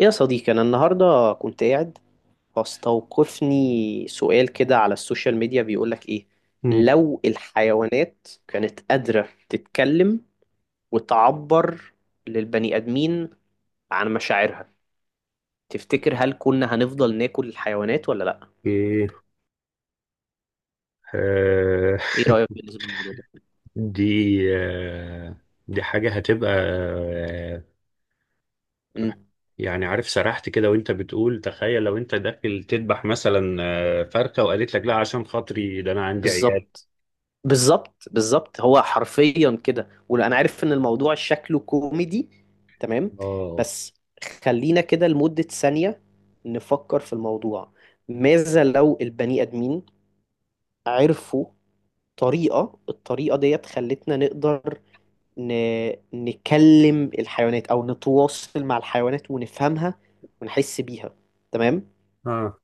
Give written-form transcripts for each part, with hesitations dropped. إيه يا صديقي، أنا النهاردة كنت قاعد فاستوقفني سؤال كده على السوشيال ميديا بيقولك إيه: مم. لو الحيوانات كانت قادرة تتكلم وتعبر للبني آدمين عن مشاعرها، تفتكر هل كنا هنفضل ناكل الحيوانات ولا لأ؟ ايه آه إيه رأيك بالنسبة للموضوع ده؟ دي آه دي حاجة هتبقى مم. يعني عارف، سرحت كده وانت بتقول تخيل لو انت داخل تذبح مثلا فرخة وقالت لك لا، عشان خاطري ده انا عندي عيال. بالظبط، بالظبط بالظبط. هو حرفيا كده، وانا عارف ان الموضوع شكله كوميدي، تمام، اه بس خلينا كده لمدة ثانية نفكر في الموضوع. ماذا لو البني ادمين عرفوا طريقة، الطريقة ديت خلتنا نقدر ن... نكلم الحيوانات او نتواصل مع الحيوانات ونفهمها ونحس بيها، تمام؟ اه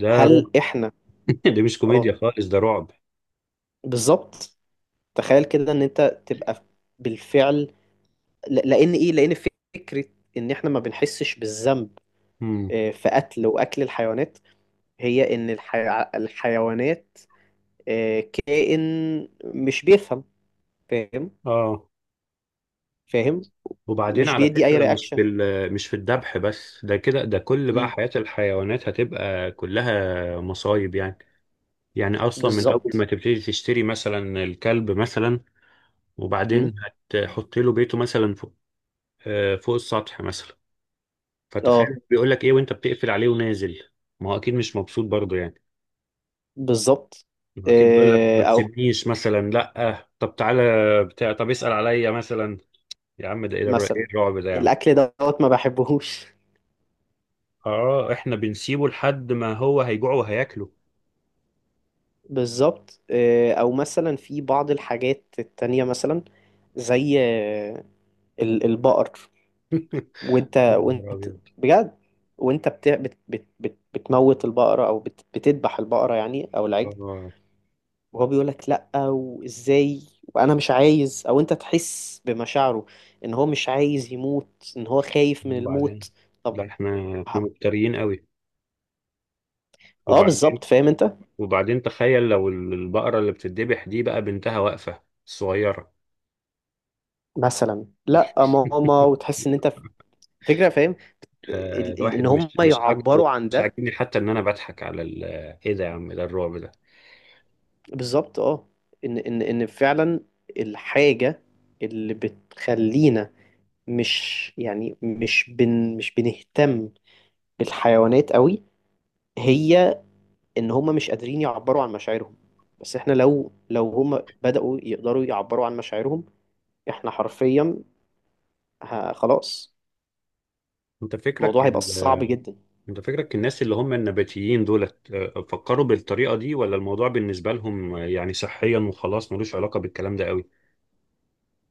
ده رعب. هل احنا دي مش كوميديا اه خالص، ده رعب. بالظبط. تخيل كده ان انت تبقى بالفعل لان ايه، لان فكره ان احنا ما بنحسش بالذنب مم. في قتل واكل الحيوانات، هي ان الحيوانات كائن مش بيفهم، فاهم؟ اه فاهم. وبعدين مش على بيدي اي فكرة، مش في رياكشن. مش في الذبح بس، ده كده ده كل بقى امم حياة الحيوانات هتبقى كلها مصايب يعني. يعني اصلا من اول ما بالظبط. تبتدي تشتري مثلا الكلب مثلا، امم وبعدين هتحط له بيته مثلا فوق، فوق السطح مثلا. اه فتخيل بيقول لك ايه وانت بتقفل عليه ونازل. ما هو اكيد مش مبسوط برضه يعني. بالظبط. ما هو اكيد بيقول لك آه، ما او تسيبنيش مثلا، لا طب تعالى بتاع، طب اسال عليا مثلا. يا عم ده ايه إيه مثلا الرعب ده يا عم؟ الاكل دوت ما بحبهوش. اه، احنا بنسيبه لحد ما هو هيجوع وهياكله. بالظبط، او مثلا في بعض الحاجات التانية، مثلا زي البقر. وانت يا نهار ابيض. بجد وانت بتموت البقرة او بتذبح البقرة، يعني، او العجل، اه. وهو بيقول لك لا، وازاي وانا مش عايز، او انت تحس بمشاعره ان هو مش عايز يموت، ان هو خايف من وبعدين الموت. طب لا، احنا ه- مفتريين قوي. اه بالظبط، وبعدين فاهم انت؟ وبعدين تخيل لو البقرة اللي بتتذبح دي بقى بنتها واقفة الصغيرة. مثلا لا ماما، وتحس ان انت فكرة، فاهم؟ ان الواحد هم مش عاجبه. يعبروا عن مش ده. عاجبني حتى ان انا بضحك على ايه ده يا عم، ده الرعب ده. بالظبط، اه. ان فعلا الحاجة اللي بتخلينا مش يعني مش بن مش بنهتم بالحيوانات قوي، مم. هي ان هم مش قادرين يعبروا عن مشاعرهم. بس احنا لو، هم بدأوا يقدروا يعبروا عن مشاعرهم، احنا حرفيا خلاص، انت فكرك الموضوع هيبقى ال- صعب جدا. انت فكرك الناس اللي هم النباتيين دولت، فكروا بالطريقة دي، ولا الموضوع بالنسبة لهم يعني صحيا وخلاص ملوش علاقة بالكلام ده قوي؟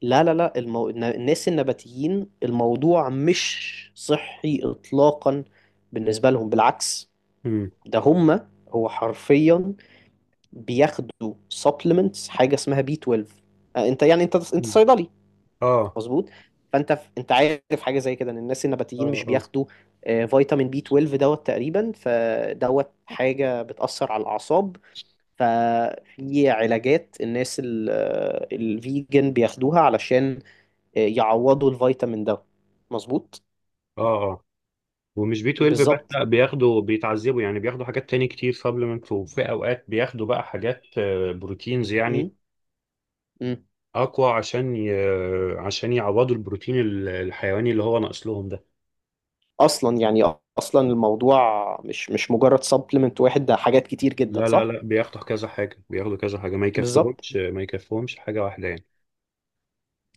لا لا لا، الناس النباتيين الموضوع مش صحي اطلاقا بالنسبة لهم، بالعكس. امم. ده هم، هو حرفيا بياخدوا supplements، حاجة اسمها بي 12. انت انت مم. صيدلي، اه مظبوط؟ فانت انت عارف حاجه زي كده، ان الناس اه. النباتيين مش بياخدوا فيتامين بي 12 دوت تقريبا، فدوت حاجه بتاثر على الاعصاب. ففي علاجات الناس الفيجن بياخدوها علشان يعوضوا الفيتامين ده، مظبوط. اه ومش بي 12 بس، بالظبط. لا بياخدوا، بيتعذبوا يعني، بياخدوا حاجات تاني كتير سبلمنت، وفي اوقات بياخدوا بقى حاجات بروتينز يعني مم. مم. اقوى، عشان يعوضوا البروتين الحيواني اللي هو ناقص لهم ده. اصلا يعني، اصلا الموضوع مش مجرد سبلمنت واحد، ده حاجات كتير جدا، لا لا صح؟ لا، بياخدوا كذا حاجة، بياخدوا كذا حاجة، ما بالظبط يكفهمش ما يكفهمش حاجة واحدة يعني.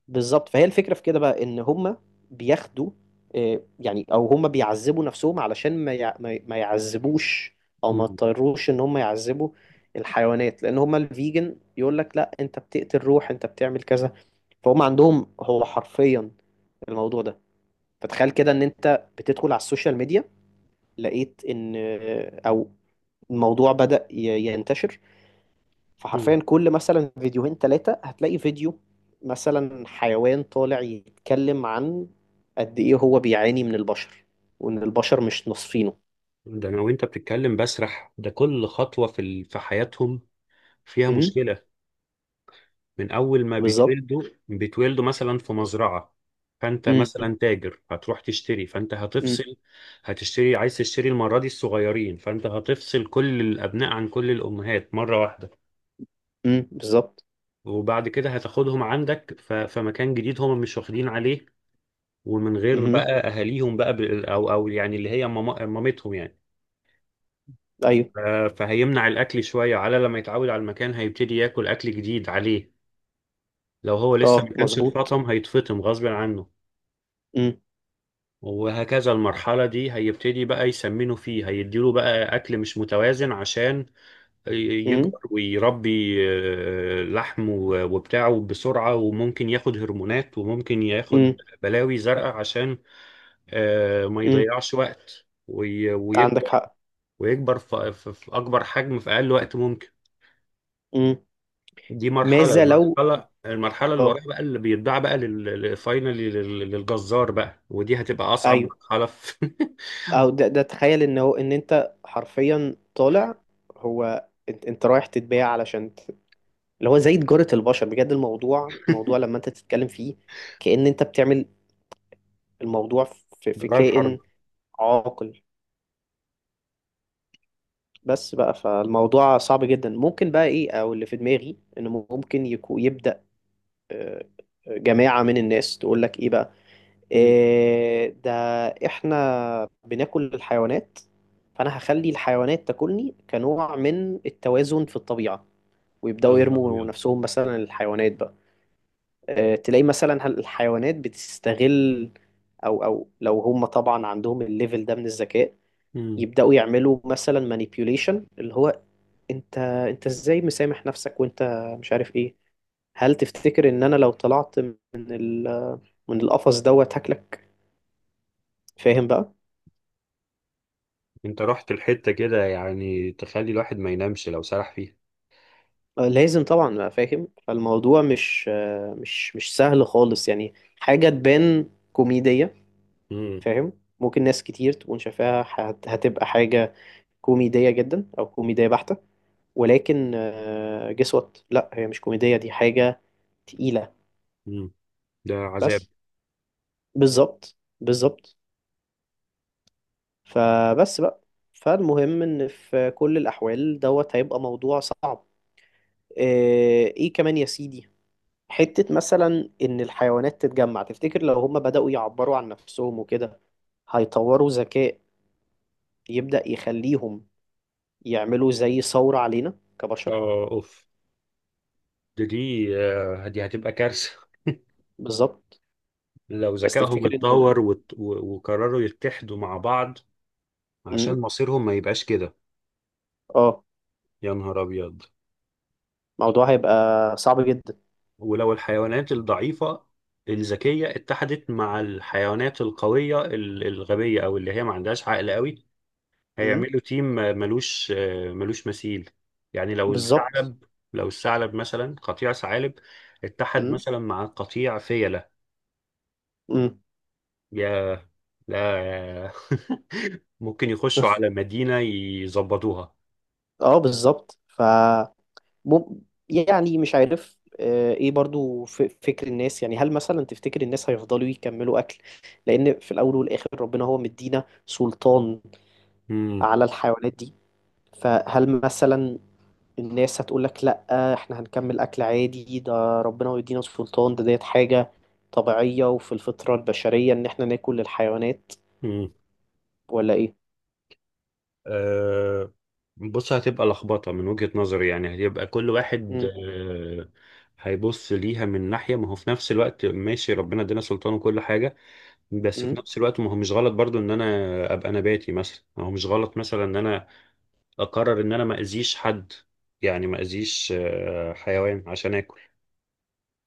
بالظبط. فهي الفكرة في كده بقى ان هما بياخدوا، يعني، او هما بيعذبوا نفسهم علشان ما يعذبوش، او ما مم. يضطروش ان هما يعذبوا الحيوانات، لان هما الفيجن يقول لك لا، انت بتقتل روح، انت بتعمل كذا. فهم عندهم هو حرفيا الموضوع ده. فتخيل كده ان انت بتدخل على السوشيال ميديا، لقيت ان آه، او الموضوع بدأ ينتشر، مم. فحرفيا كل مثلا فيديوهين ثلاثة هتلاقي فيديو مثلا حيوان طالع يتكلم عن قد ايه هو بيعاني من البشر، وان البشر مش نصفينه. ده انا وانت بتتكلم بسرح، ده كل خطوة في في حياتهم فيها امم مشكلة. من اول ما بالظبط. بيتولدوا، بيتولدوا مثلا في مزرعة، فانت امم مثلا تاجر هتروح تشتري، فانت امم هتفصل، هتشتري، عايز تشتري المرة دي الصغيرين، فانت هتفصل كل الابناء عن كل الامهات مرة واحدة. بالظبط. وبعد كده هتاخدهم عندك في مكان جديد هم مش واخدين عليه، ومن غير بقى امم اهاليهم بقى، او يعني اللي هي مامتهم يعني. ايوه. ف- فهيمنع الاكل شوية على لما يتعود على المكان، هيبتدي ياكل اكل جديد عليه. لو هو لسه اه ما كانش مظبوط. اتفطم، هيتفطم غصب عنه. امم وهكذا. المرحلة دي هيبتدي بقى يسمنه فيه، هيديله بقى أكل مش متوازن عشان امم يكبر ويربي لحم وبتاعه بسرعة. وممكن ياخد هرمونات، وممكن ياخد امم بلاوي زرقاء عشان ما امم يضيعش وقت ويكبر، عندك حق. ويكبر في في أكبر حجم في أقل وقت ممكن. امم دي مرحلة ماذا لو المرحلة المرحلة اللي اه وراها بقى، اللي بيتباع بقى فاينلي للجزار بقى، ودي هتبقى أصعب ايوه، مرحلة في… او ده، ده تخيل ان هو، ان انت حرفيا طالع، هو انت، انت رايح تتباع، علشان اللي هو زي تجارة البشر بجد. الموضوع، الموضوع لما انت تتكلم فيه كأن انت بتعمل الموضوع في، في جرائم حرب. كائن عاقل. بس بقى، فالموضوع صعب جدا. ممكن بقى ايه، او اللي في دماغي انه ممكن يبدأ آه، جماعة من الناس تقول لك ايه بقى: مم. إيه ده؟ احنا بناكل الحيوانات، فانا هخلي الحيوانات تاكلني كنوع من التوازن في الطبيعة. يا ويبدأوا نهار يرموا أبيض. نفسهم، مثلا الحيوانات بقى، تلاقي مثلا الحيوانات بتستغل، او او لو هم طبعا عندهم الليفل ده من الذكاء، مم. يبداوا يعملوا مثلا مانيبيوليشن اللي هو انت، انت ازاي مسامح نفسك وانت مش عارف ايه؟ هل تفتكر ان انا لو طلعت من من القفص دوت هاكلك؟ فاهم بقى؟ أنت رحت الحتة كده يعني تخلي الواحد ما ينامش لو سرح فيها. لازم طبعا بقى، فاهم؟ فالموضوع مش مش سهل خالص يعني، حاجة تبان كوميدية، مم. فاهم؟ ممكن ناس كتير تكون شايفاها هتبقى حاجة كوميدية جدا أو كوميدية بحتة، ولكن guess what، لا هي مش كوميدية، دي حاجة تقيلة. مم. ده عذاب. بس بالظبط بالظبط، فبس بقى. فالمهم إن في كل الأحوال دوت هيبقى موضوع صعب. إيه كمان يا سيدي، حتة مثلا إن الحيوانات تتجمع. تفتكر لو هم بدأوا يعبروا عن نفسهم وكده، هيطوروا ذكاء يبدأ يخليهم يعملوا زي ثورة علينا كبشر؟ آه أوف. ده دي دي هتبقى كارثة. بالظبط. لو بس ذكائهم تفتكر اتطور إن وقرروا يتحدوا مع بعض مم. عشان مصيرهم ما يبقاش كده. اه، يا نهار أبيض. الموضوع هيبقى صعب جدا. ولو الحيوانات الضعيفة الذكية اتحدت مع الحيوانات القوية الغبية، أو اللي هي ما عندهاش عقل قوي، امم هيعملوا تيم ملوش مثيل. يعني لو بالظبط. الثعلب، مثلا قطيع ثعالب اتحد امم مثلا مع قطيع فيلة، امم يا لا. ممكن يخشوا على مدينة يظبطوها. اه بالظبط ف مم- يعني مش عارف، ايه برضو فكر الناس، يعني هل مثلا تفتكر الناس هيفضلوا يكملوا اكل، لان في الاول والاخر ربنا هو مدينا سلطان امم. على الحيوانات دي؟ فهل مثلا الناس هتقول لك لا، احنا هنكمل اكل عادي، ده ربنا مدينا سلطان، ده ديت حاجة طبيعية وفي الفطرة البشرية ان احنا ناكل الحيوانات، امم. ولا ايه؟ أه، بص هتبقى لخبطة من وجهة نظري. يعني هيبقى كل واحد أه هيبص ليها من ناحية، ما هو في نفس الوقت ماشي، ربنا ادينا سلطان وكل حاجة، بس في امم نفس الوقت ما هو مش غلط برضو ان انا ابقى نباتي مثلا. ما هو مش غلط مثلا ان انا اقرر ان انا ما اذيش حد، يعني ما اذيش حيوان عشان اكل.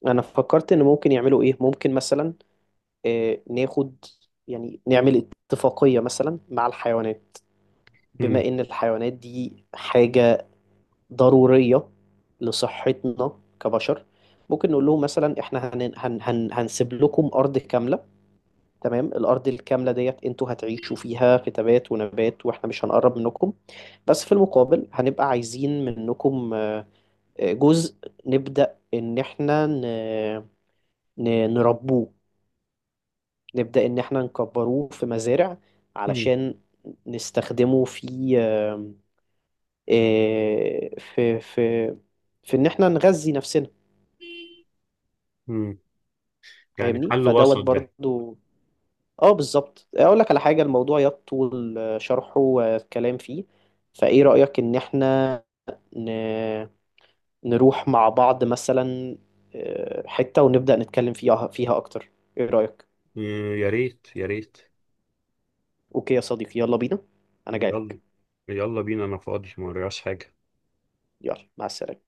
انا فكرت ان ممكن يعملوا ايه. ممكن مثلا ناخد، يعني نعمل اتفاقية مثلا مع الحيوانات. مم. بما ان الحيوانات دي حاجة ضرورية لصحتنا كبشر، ممكن نقول لهم مثلا احنا هن هن هن هنسيب لكم ارض كاملة، تمام، الارض الكاملة ديت انتوا هتعيشوا فيها في تبات ونبات، واحنا مش هنقرب منكم، بس في المقابل هنبقى عايزين منكم جزء، نبدأ ان احنا نربوه، نبدأ إن إحنا نكبروه في مزارع، مم. علشان نستخدمه في آم، آه، في في في إن إحنا نغذي نفسنا، مم. يعني فاهمني؟ حل فدوت وسط ده. برضو اه بالظبط. أقول لك على حاجة، الموضوع يطول شرحه والكلام فيه. فإيه رأيك إن إحنا ن- نروح مع بعض مثلا حتة ونبدأ نتكلم فيها، أكتر؟ إيه رأيك؟ مم. يا ريت، يا ريت. أوكي يا صديقي، يلا بينا، أنا يلا، جايلك. يلا بينا، انا فاضي ما ورياش حاجة. يلا مع السلامة.